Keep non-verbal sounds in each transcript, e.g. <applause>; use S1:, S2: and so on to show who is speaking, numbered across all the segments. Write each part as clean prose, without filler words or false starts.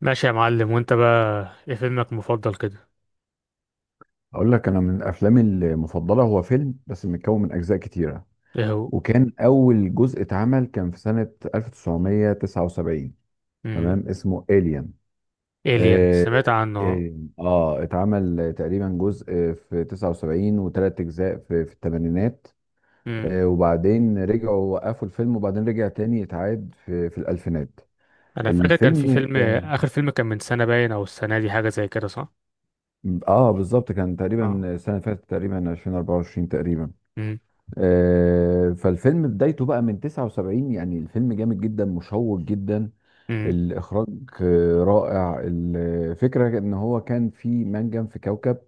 S1: ماشي يا معلم، وانت بقى ايه فيلمك المفضل كده؟
S2: اقول لك انا من افلامي المفضله هو فيلم بس متكون من اجزاء كتيره.
S1: ايه هو؟
S2: وكان اول جزء اتعمل كان في سنه 1979.
S1: امم.
S2: تمام اسمه الين.
S1: الين،
S2: اه.
S1: سمعت عنه.
S2: آه، اتعمل تقريبا جزء في 79 وثلاث اجزاء في الثمانينات.
S1: امم.
S2: وبعدين رجعوا وقفوا الفيلم وبعدين رجع تاني اتعاد في الالفينات.
S1: انا فاكر كان في
S2: الفيلم
S1: فيلم،
S2: اه,
S1: اخر فيلم كان من سنة باين او السنة دي حاجة زي كده، صح؟
S2: آه بالظبط كان
S1: اه.
S2: تقريبا السنه اللي فاتت تقريبا 2024 تقريبا.
S1: امم.
S2: فالفيلم بدايته بقى من 79، يعني الفيلم جامد جدا مشوق جدا.
S1: امم.
S2: الإخراج رائع. الفكرة إن هو كان في منجم في كوكب،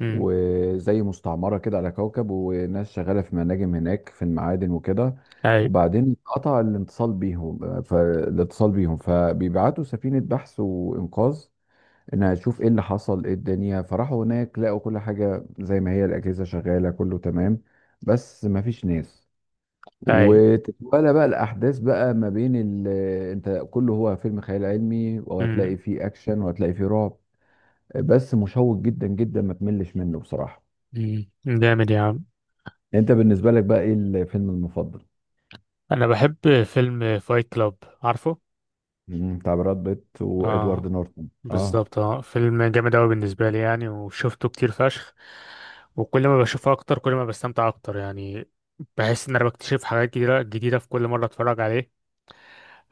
S1: امم.
S2: وزي مستعمرة كده على كوكب، وناس شغالة في مناجم هناك في المعادن وكده.
S1: اي.
S2: وبعدين قطع الاتصال بيهم، فالاتصال بيهم فبيبعتوا سفينة بحث وإنقاذ ان اشوف ايه اللي حصل ايه الدنيا. فراحوا هناك لقوا كل حاجه زي ما هي، الاجهزه شغاله كله تمام، بس ما فيش ناس.
S1: اي.
S2: وتتوالى بقى الاحداث بقى ما بين ال... انت كله هو فيلم خيال علمي، وهتلاقي
S1: امم.
S2: فيه اكشن وهتلاقي فيه رعب، بس مشوق جدا جدا ما تملش منه بصراحه.
S1: امم، جامد يا عم.
S2: انت بالنسبه لك بقى ايه الفيلم المفضل؟
S1: انا بحب فيلم فايت كلاب. عارفه؟
S2: مم، بتاع براد بيت وادوارد
S1: اه،
S2: نورتون. اه
S1: بالظبط. اه فيلم جامد أوي بالنسبة لي يعني، وشفته كتير فشخ. وكل ما بشوفه أكتر كل ما بستمتع أكتر يعني. بحس إن أنا بكتشف حاجات جديدة جديدة في كل مرة أتفرج عليه.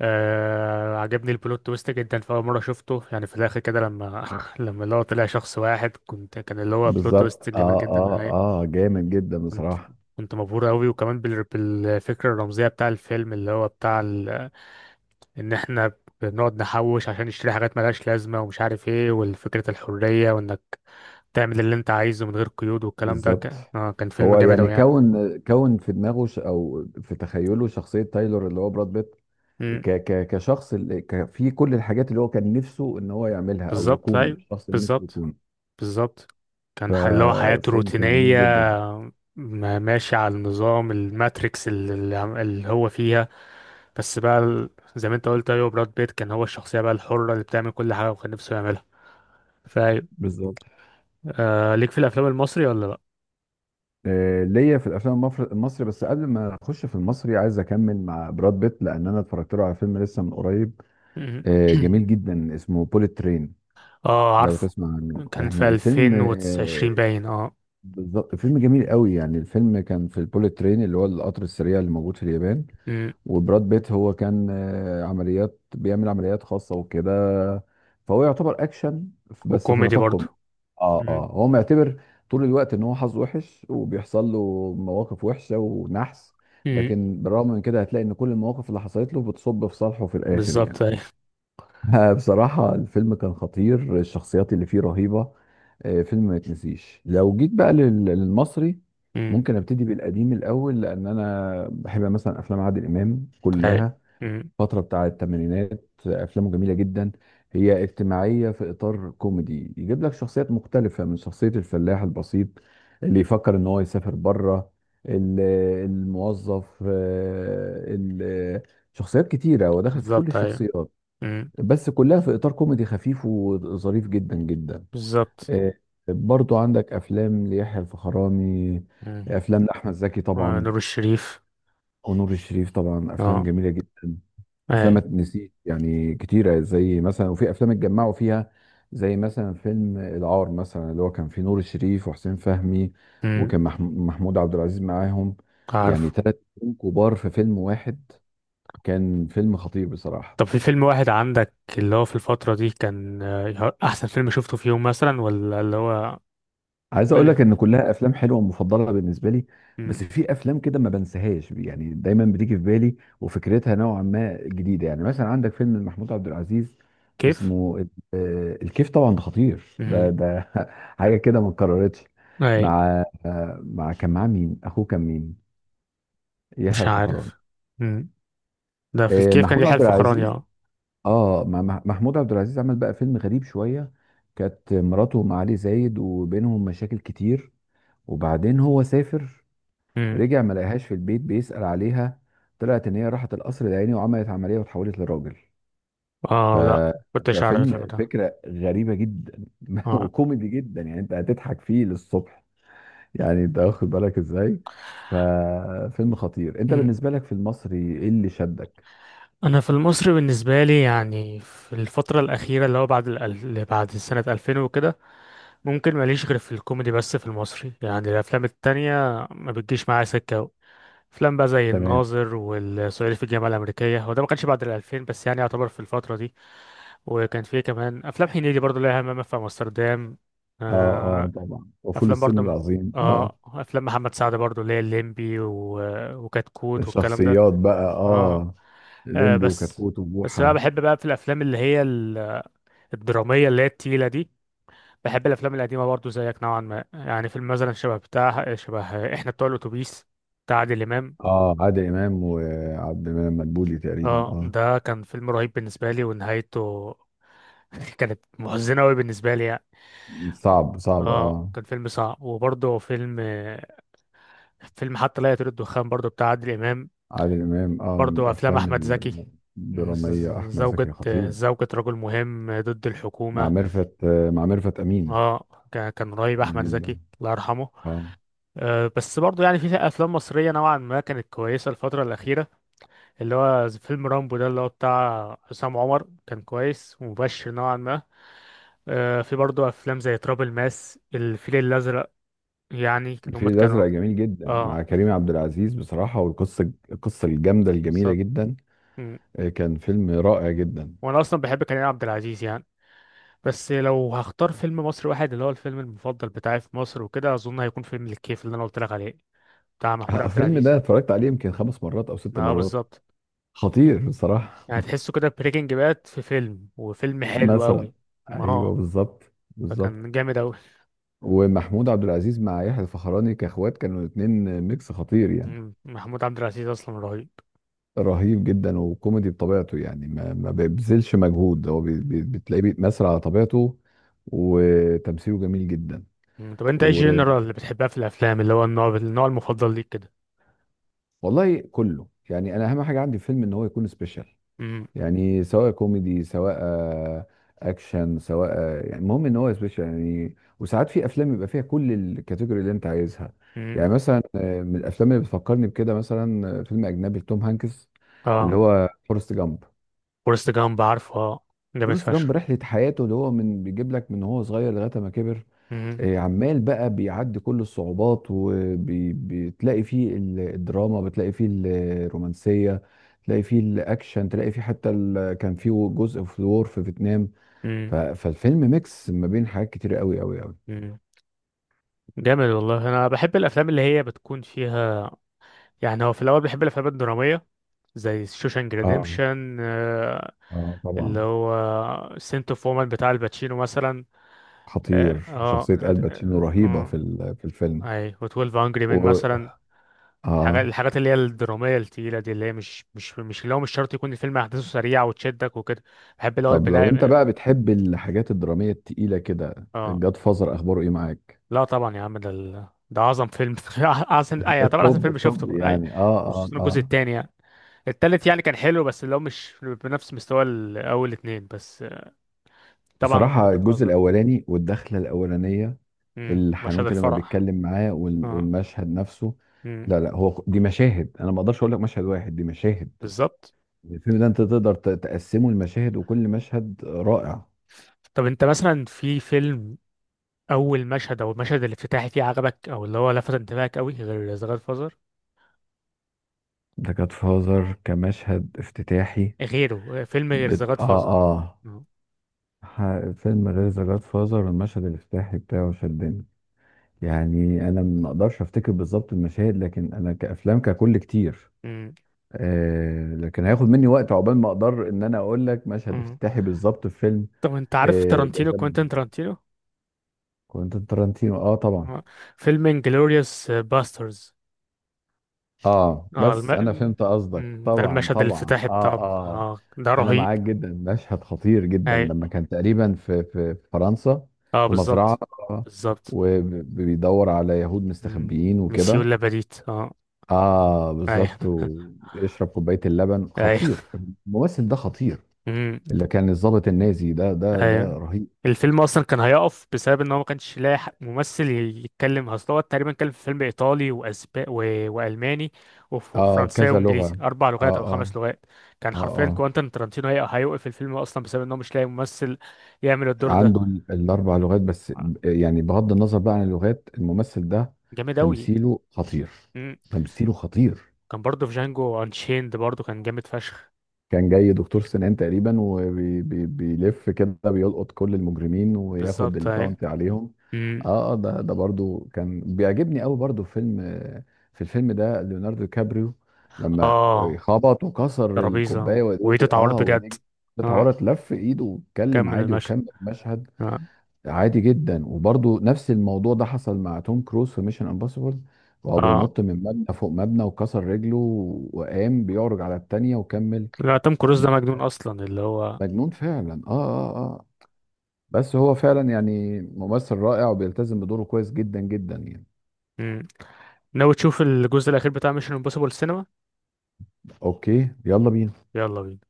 S1: آه، عجبني البلوت تويست جدا في أول مرة شفته يعني، في الآخر كده لما <laughs> لما اللي هو طلع شخص واحد، كنت كان اللي هو بلوت تويست
S2: بالظبط.
S1: جامد
S2: اه
S1: جدا.
S2: اه.
S1: أي.
S2: اه جامد جدا
S1: كنت
S2: بصراحه.
S1: كنت مبهور أوي، وكمان بالفكرة الرمزية بتاع الفيلم اللي هو بتاع إن إحنا بنقعد نحوش عشان نشتري حاجات ملهاش لازمة ومش عارف ايه، والفكرة الحرية وانك تعمل اللي انت عايزه من غير قيود، والكلام ده
S2: بالظبط.
S1: كان اه كان فيلم
S2: هو
S1: جامد
S2: يعني
S1: اوي يعني.
S2: كون في دماغه ش... او في تخيله شخصيه تايلور اللي هو براد بيت.
S1: امم.
S2: كشخص اللي ك... في كل الحاجات اللي هو كان نفسه ان هو يعملها، او
S1: بالظبط
S2: يكون
S1: ايوه.
S2: الشخص اللي نفسه
S1: بالظبط.
S2: يكون.
S1: بالظبط. كان اللي هو حياته
S2: ففيلم كان جميل
S1: روتينية،
S2: جدا.
S1: ماشي على النظام الماتريكس اللي اللي هو فيها. بس بقى زي ما انت قلت ايوه، براد بيت كان هو الشخصية بقى الحرة اللي بتعمل كل حاجة وكان نفسه يعملها. فايوه.
S2: بالظبط.
S1: آه، ليك في الافلام المصري ولا لا؟
S2: ليا في الافلام المفر- المصري، بس قبل ما اخش في المصري عايز اكمل مع براد بيت، لان انا اتفرجت له على فيلم لسه من قريب.
S1: مم. <clears throat>
S2: جميل جدا اسمه بوليت ترين.
S1: اه
S2: لو
S1: عارفه.
S2: تسمع عنه،
S1: كان في
S2: يعني الفيلم
S1: 2020 باين اه.
S2: بالظبط فيلم جميل قوي. يعني الفيلم كان في البوليت ترين اللي هو القطر السريع اللي موجود في اليابان.
S1: مم.
S2: وبراد بيت هو كان عمليات بيعمل عمليات خاصة وكده، فهو يعتبر اكشن بس في
S1: وكوميدي
S2: نطاق كوميدي.
S1: برضه.
S2: اه اه
S1: مم.
S2: هو معتبر طول الوقت ان هو حظه وحش وبيحصل له مواقف وحشة ونحس،
S1: مم.
S2: لكن بالرغم من كده هتلاقي ان كل المواقف اللي حصلت له بتصب في صالحه في الاخر
S1: بالظبط
S2: يعني.
S1: أيوه.
S2: <laughs> بصراحة الفيلم كان خطير، الشخصيات اللي فيه رهيبة. فيلم ما يتنسيش. لو جيت بقى لل- للمصري،
S1: امم.
S2: ممكن ابتدي بالقديم الأول، لأن أنا بحب مثلا أفلام عادل إمام
S1: ايوه.
S2: كلها.
S1: امم.
S2: فترة بتاع الثمانينات أفلامه جميلة جدا. هي اجتماعية في إطار كوميدي، يجيب لك شخصيات مختلفة من شخصية الفلاح البسيط اللي يفكر إن هو يسافر بره، ال- الموظف ال- شخصيات كتيرة ودخل في كل
S1: بالظبط ايوه.
S2: الشخصيات،
S1: امم.
S2: بس كلها في اطار كوميدي خفيف وظريف جدا جدا.
S1: بالظبط.
S2: آه، برضو عندك افلام ليحيى الفخراني،
S1: امم.
S2: افلام لاحمد زكي
S1: آه،
S2: طبعا،
S1: نور الشريف.
S2: ونور الشريف طبعا، افلام
S1: اه.
S2: جميله جدا. افلام
S1: ايوه.
S2: ما تنسيش يعني كتيره، زي مثلا وفي افلام اتجمعوا فيها، زي مثلا فيلم العار مثلا اللي هو كان فيه نور الشريف وحسين فهمي،
S1: امم.
S2: وكان مح- محمود عبد العزيز معاهم. يعني
S1: عارف.
S2: ثلاث نجوم كبار في فيلم واحد، كان فيلم خطير بصراحه.
S1: طب في فيلم واحد عندك اللي هو في الفترة دي كان آه، احسن فيلم شفته في يوم مثلا، ولا اللي هو؟
S2: عايز
S1: قول
S2: اقول
S1: لي.
S2: لك ان كلها افلام حلوه ومفضله بالنسبه لي،
S1: امم.
S2: بس في افلام كده ما بنساهاش يعني، دايما بتيجي في بالي وفكرتها نوعا ما جديده. يعني مثلا عندك فيلم محمود عبد العزيز
S1: كيف؟
S2: اسمه ال- الكيف. طبعا ده خطير ده
S1: امم.
S2: ده <laughs> حاجه كده ما اتكررتش.
S1: ايوه.
S2: مع مع كان معاه مين؟ اخوه كان مين؟ يحيى
S1: مش
S2: الفخراني.
S1: عارف. امم. ده في الكيف كان
S2: محمود
S1: يحيى
S2: عبد
S1: الفخراني
S2: العزيز.
S1: اه.
S2: اه محمود عبد العزيز عمل بقى فيلم غريب شويه. كانت مراته مع علي زايد وبينهم مشاكل كتير، وبعدين هو سافر،
S1: امم.
S2: رجع ما لقاهاش في البيت، بيسأل عليها، طلعت ان هي راحت القصر العيني وعملت عملية واتحولت لراجل. ف...
S1: اه لا. كنتش عارف الفيلم
S2: ففيلم
S1: ده.
S2: فكرة غريبة جدا. <laughs>
S1: اه.
S2: وكوميدي جدا، يعني انت هتضحك فيه للصبح. يعني انت واخد بالك ازاي، ففيلم خطير. انت
S1: مم.
S2: بالنسبة لك في المصري ايه اللي شدك؟
S1: انا في المصري بالنسبه لي يعني في الفتره الاخيره اللي هو بعد اللي بعد سنه 2000 وكده، ممكن ماليش غير في الكوميدي بس. في المصري يعني الافلام التانية ما بتجيش معايا سكة أوي. افلام بقى زي
S2: تمام.
S1: الناظر والصعيدي في الجامعة الأمريكية، هو ده ما كانش بعد الألفين بس يعني يعتبر في الفترة دي. وكان فيه كمان أفلام هنيدي برضو، ليها همام في أمستردام.
S2: اه
S1: آه،
S2: اه طبعا، وفول
S1: أفلام
S2: الصين
S1: برضو.
S2: العظيم اه.
S1: اه أفلام محمد سعد برضو اللي هي الليمبي وكتكوت والكلام ده.
S2: الشخصيات بقى
S1: اه.
S2: اه،
S1: آه،
S2: ليمبي
S1: بس.
S2: وكتكوت
S1: بس بقى
S2: وبوحة.
S1: بحب بقى في الأفلام اللي هي الدرامية اللي هي التقيلة دي. بحب الافلام القديمه برضو زيك نوعا ما يعني. فيلم مثلا شبه بتاع شبه احنا بتوع الاتوبيس بتاع عادل امام.
S2: اه عادل امام وعبد المنعم مدبولي تقريبا
S1: اه
S2: اه.
S1: ده كان فيلم رهيب بالنسبه لي، ونهايته <laughs> كانت محزنه قوي بالنسبه لي يعني.
S2: صعب صعب
S1: اه
S2: اه.
S1: كان فيلم صعب، وبرضه فيلم حتى لا يطير الدخان برضه بتاع عادل امام.
S2: عادل إمام اه من
S1: برضه افلام
S2: الأفلام
S1: احمد زكي. ز-
S2: الدرامية.
S1: ز-
S2: أحمد
S1: زوجة
S2: زكي خطير.
S1: زوجة رجل مهم ضد
S2: مع
S1: الحكومة.
S2: ميرفت مع ميرفت أمين.
S1: اه، كان رهيب احمد
S2: جميل جدا
S1: زكي الله يرحمه.
S2: اه.
S1: أه، بس برضو يعني في افلام مصريه نوعا ما كانت كويسه الفتره الاخيره، اللي هو زي فيلم رامبو ده اللي هو بتاع حسام عمر، كان كويس ومبشر نوعا ما. أه، في برضو افلام زي تراب الماس، الفيل الازرق. يعني إن
S2: الفيل
S1: هم كانوا.
S2: الأزرق جميل جدا
S1: اه
S2: مع كريم عبد العزيز بصراحة. والقصة الجامدة الجميلة
S1: بالظبط.
S2: جدا.
S1: مم.
S2: كان فيلم رائع جدا.
S1: وانا اصلا بحب كريم عبد العزيز يعني. بس لو هختار فيلم مصري واحد اللي هو الفيلم المفضل بتاعي في مصر وكده، اظن هيكون فيلم الكيف اللي انا قلت لك عليه بتاع محمود عبد
S2: الفيلم ده
S1: العزيز.
S2: اتفرجت عليه يمكن خمس مرات أو ست
S1: ما هو
S2: مرات.
S1: بالظبط.
S2: خطير بصراحة.
S1: يعني تحسه كده بريكنج باد في فيلم، وفيلم
S2: <laughs>
S1: حلو
S2: مثلا.
S1: قوي. ما هو.
S2: أيوه بالظبط
S1: فكان جامد قوي.
S2: ومحمود عبد العزيز مع يحيى الفخراني كاخوات كانوا الاتنين، ميكس خطير يعني.
S1: مم. محمود عبد العزيز اصلا رهيب.
S2: رهيب جدا وكوميدي بطبيعته، يعني ما بيبذلش مجهود، هو
S1: مم.
S2: بتلاقيه بيتمثل على طبيعته. وتمثيله جميل جدا.
S1: مم. طب انت ايه
S2: و...
S1: الجنرال اللي بتحبها في الافلام، اللي هو النوع المفضل ليك كده؟
S2: والله كله يعني. انا اهم حاجه عندي في الفيلم ان هو يكون سبيشال،
S1: مم.
S2: يعني سواء كوميدي، سواء اكشن، سواء يعني المهم ان هو سبيشال يعني. وساعات في افلام يبقى فيها كل الكاتيجوري اللي انت عايزها. يعني
S1: مم.
S2: مثلا من الافلام اللي بتفكرني بكده مثلا فيلم اجنبي لتوم هانكس اللي
S1: اه
S2: هو فورست جامب.
S1: فورست جامب عارفه اه. جامد
S2: فورست
S1: فشخ.
S2: جامب رحلة حياته، اللي هو من بيجيب لك من هو صغير لغاية ما كبر.
S1: مم.
S2: عمال بقى بيعدي كل الصعوبات، وبتلاقي فيه ال- الدراما، بتلاقي فيه الرومانسية، تلاقي فيه الأكشن، تلاقي فيه حتى ال- كان فيه جزء في الور في فيتنام.
S1: مم.
S2: فالفيلم ميكس ما بين حاجات كتير قوي قوي قوي.
S1: مم. جامد والله. انا بحب الافلام اللي هي بتكون فيها، يعني هو في الاول بحب الافلام الدراميه زي شوشانك
S2: اه
S1: ريديمشن،
S2: اه
S1: اللي
S2: طبعا.
S1: هو سنت اوف وومن بتاع الباتشينو مثلا. اه
S2: خطير، شخصية
S1: اه.
S2: الباتشينو رهيبة في
S1: آه،
S2: ال- في الفيلم.
S1: اي. و12 انجري مان
S2: و...
S1: مثلا.
S2: اه.
S1: الحاجات اللي هي الدراميه التقيله دي، اللي هي مش اللي هو مش شرط يكون الفيلم احداثه سريعه وتشدك وكده. بحب اللي هو
S2: طب لو انت
S1: البناء.
S2: بقى بتحب الحاجات الدرامية التقيلة كده،
S1: اه
S2: الجاد فازر اخباره ايه معاك؟
S1: لا طبعا يا عم، ده اعظم فيلم <laughs> اعظم. اي طبعا احسن
S2: الطب
S1: فيلم
S2: الطب
S1: شفته. اي
S2: يعني اه اه
S1: خصوصا الجزء
S2: اه.
S1: الثاني يعني. التالت يعني كان حلو بس اللي هو مش بنفس مستوى الاول اتنين بس. آه، طبعا
S2: بصراحة
S1: جاد
S2: الجزء
S1: فازر.
S2: الأولاني والدخلة الأولانية،
S1: مشهد
S2: الحنوتة لما
S1: الفرح.
S2: بيتكلم معاه وال-
S1: اه.
S2: والمشهد نفسه.
S1: مم،
S2: لا لا، هو دي مشاهد، أنا ما أقدرش أقول لك مشهد واحد، دي مشاهد.
S1: بالظبط.
S2: الفيلم ده أنت تقدر تقسمه لمشاهد، وكل مشهد رائع.
S1: طب انت مثلا في فيلم، اول مشهد او المشهد الافتتاحي فيه عجبك او اللي هو لفت انتباهك قوي غير ذا جاد فازر؟
S2: ده كانت فازر كمشهد افتتاحي.
S1: غيره فيلم غير ذا
S2: بت...
S1: جاد
S2: اه
S1: فازر.
S2: اه. ح- فيلم غير ذا جاد فازر المشهد الافتتاحي بتاعه شدني. يعني أنا ما أقدرش أفتكر بالظبط المشاهد، لكن أنا كأفلام ككل كتير.
S1: امم.
S2: لكن هياخد مني وقت عقبال ما اقدر ان انا اقول لك مشهد
S1: امم.
S2: افتتاحي بالظبط في فيلم.
S1: طب انت عارف تارانتينو؟
S2: جذبني
S1: كوينتين
S2: جدا.
S1: تارانتينو؟
S2: كوينتين ترنتينو اه طبعا.
S1: آه. فيلم انجلوريوس باسترز.
S2: اه
S1: اه
S2: بس انا فهمت قصدك،
S1: مم، ده
S2: طبعا
S1: المشهد
S2: طبعا
S1: الافتتاحي
S2: اه
S1: بتاعه
S2: اه.
S1: اه ده
S2: انا
S1: رهيب.
S2: معاك جدا. مشهد خطير جدا،
S1: اي.
S2: لما كان تقريبا في في فرنسا
S1: اه
S2: في
S1: بالظبط.
S2: مزرعة. آه،
S1: بالظبط.
S2: وبيدور على يهود
S1: مم،
S2: مستخبيين
S1: مسيو
S2: وكده.
S1: لاباديت اه.
S2: اه
S1: اي.
S2: بالظبط، ويشرب كوباية اللبن،
S1: اي.
S2: خطير. الممثل ده خطير، اللي كان الضابط النازي ده ده
S1: اي.
S2: رهيب.
S1: الفيلم اصلا كان هيقف بسبب ان هو ما كانش لاقي ممثل يتكلم، اصل هو تقريبا كان في فيلم ايطالي واسباني والماني
S2: اه
S1: وفرنساوي
S2: كذا لغة.
S1: وانجليزي، اربع
S2: اه
S1: لغات او
S2: اه
S1: خمس لغات. كان
S2: اه
S1: حرفيا
S2: اه.
S1: كوانتين ترانتينو هيوقف الفيلم اصلا بسبب ان هو مش لاقي ممثل يعمل الدور
S2: عنده
S1: ده.
S2: ال- الاربع لغات بس.
S1: آه،
S2: يعني بغض النظر بقى عن اللغات، الممثل ده
S1: جامد اوي.
S2: تمثيله خطير.
S1: مم.
S2: تمثيله خطير
S1: كان برضه في جانجو انشيند برضه كان جامد فشخ.
S2: كان جاي دكتور سنان تقريبا، وبيلف كده بيلقط كل المجرمين وياخد
S1: بالظبط اهي.
S2: الباونتي عليهم.
S1: مم.
S2: اه ده برضو كان بيعجبني قوي، برضو فيلم. في الفيلم ده ليوناردو دي كابريو لما
S1: اه
S2: خبط وكسر
S1: ترابيزه
S2: الكوبايه، ودي
S1: وايده
S2: اه
S1: اتعورت بجد.
S2: ودي
S1: اه
S2: اتعورت، لف ايده واتكلم
S1: كمل
S2: عادي
S1: المشهد.
S2: وكمل المشهد.
S1: اه.
S2: عادي جدا. وبرضو نفس الموضوع ده حصل مع توم كروز في ميشن امبوسيبل، وهو
S1: اه
S2: بينط من مبنى فوق مبنى وكسر رجله، وقام بيعرج على التانية وكمل
S1: لا توم كروز ده
S2: المشهد.
S1: مجنون اصلا، اللي هو.
S2: مجنون فعلا اه اه اه. بس هو فعلا يعني ممثل رائع، وبيلتزم بدوره كويس جدا جدا يعني.
S1: ناوي تشوف الجزء الاخير بتاع ميشن امبوسيبل السينما؟
S2: اوكي يلا بينا.
S1: يلا بينا.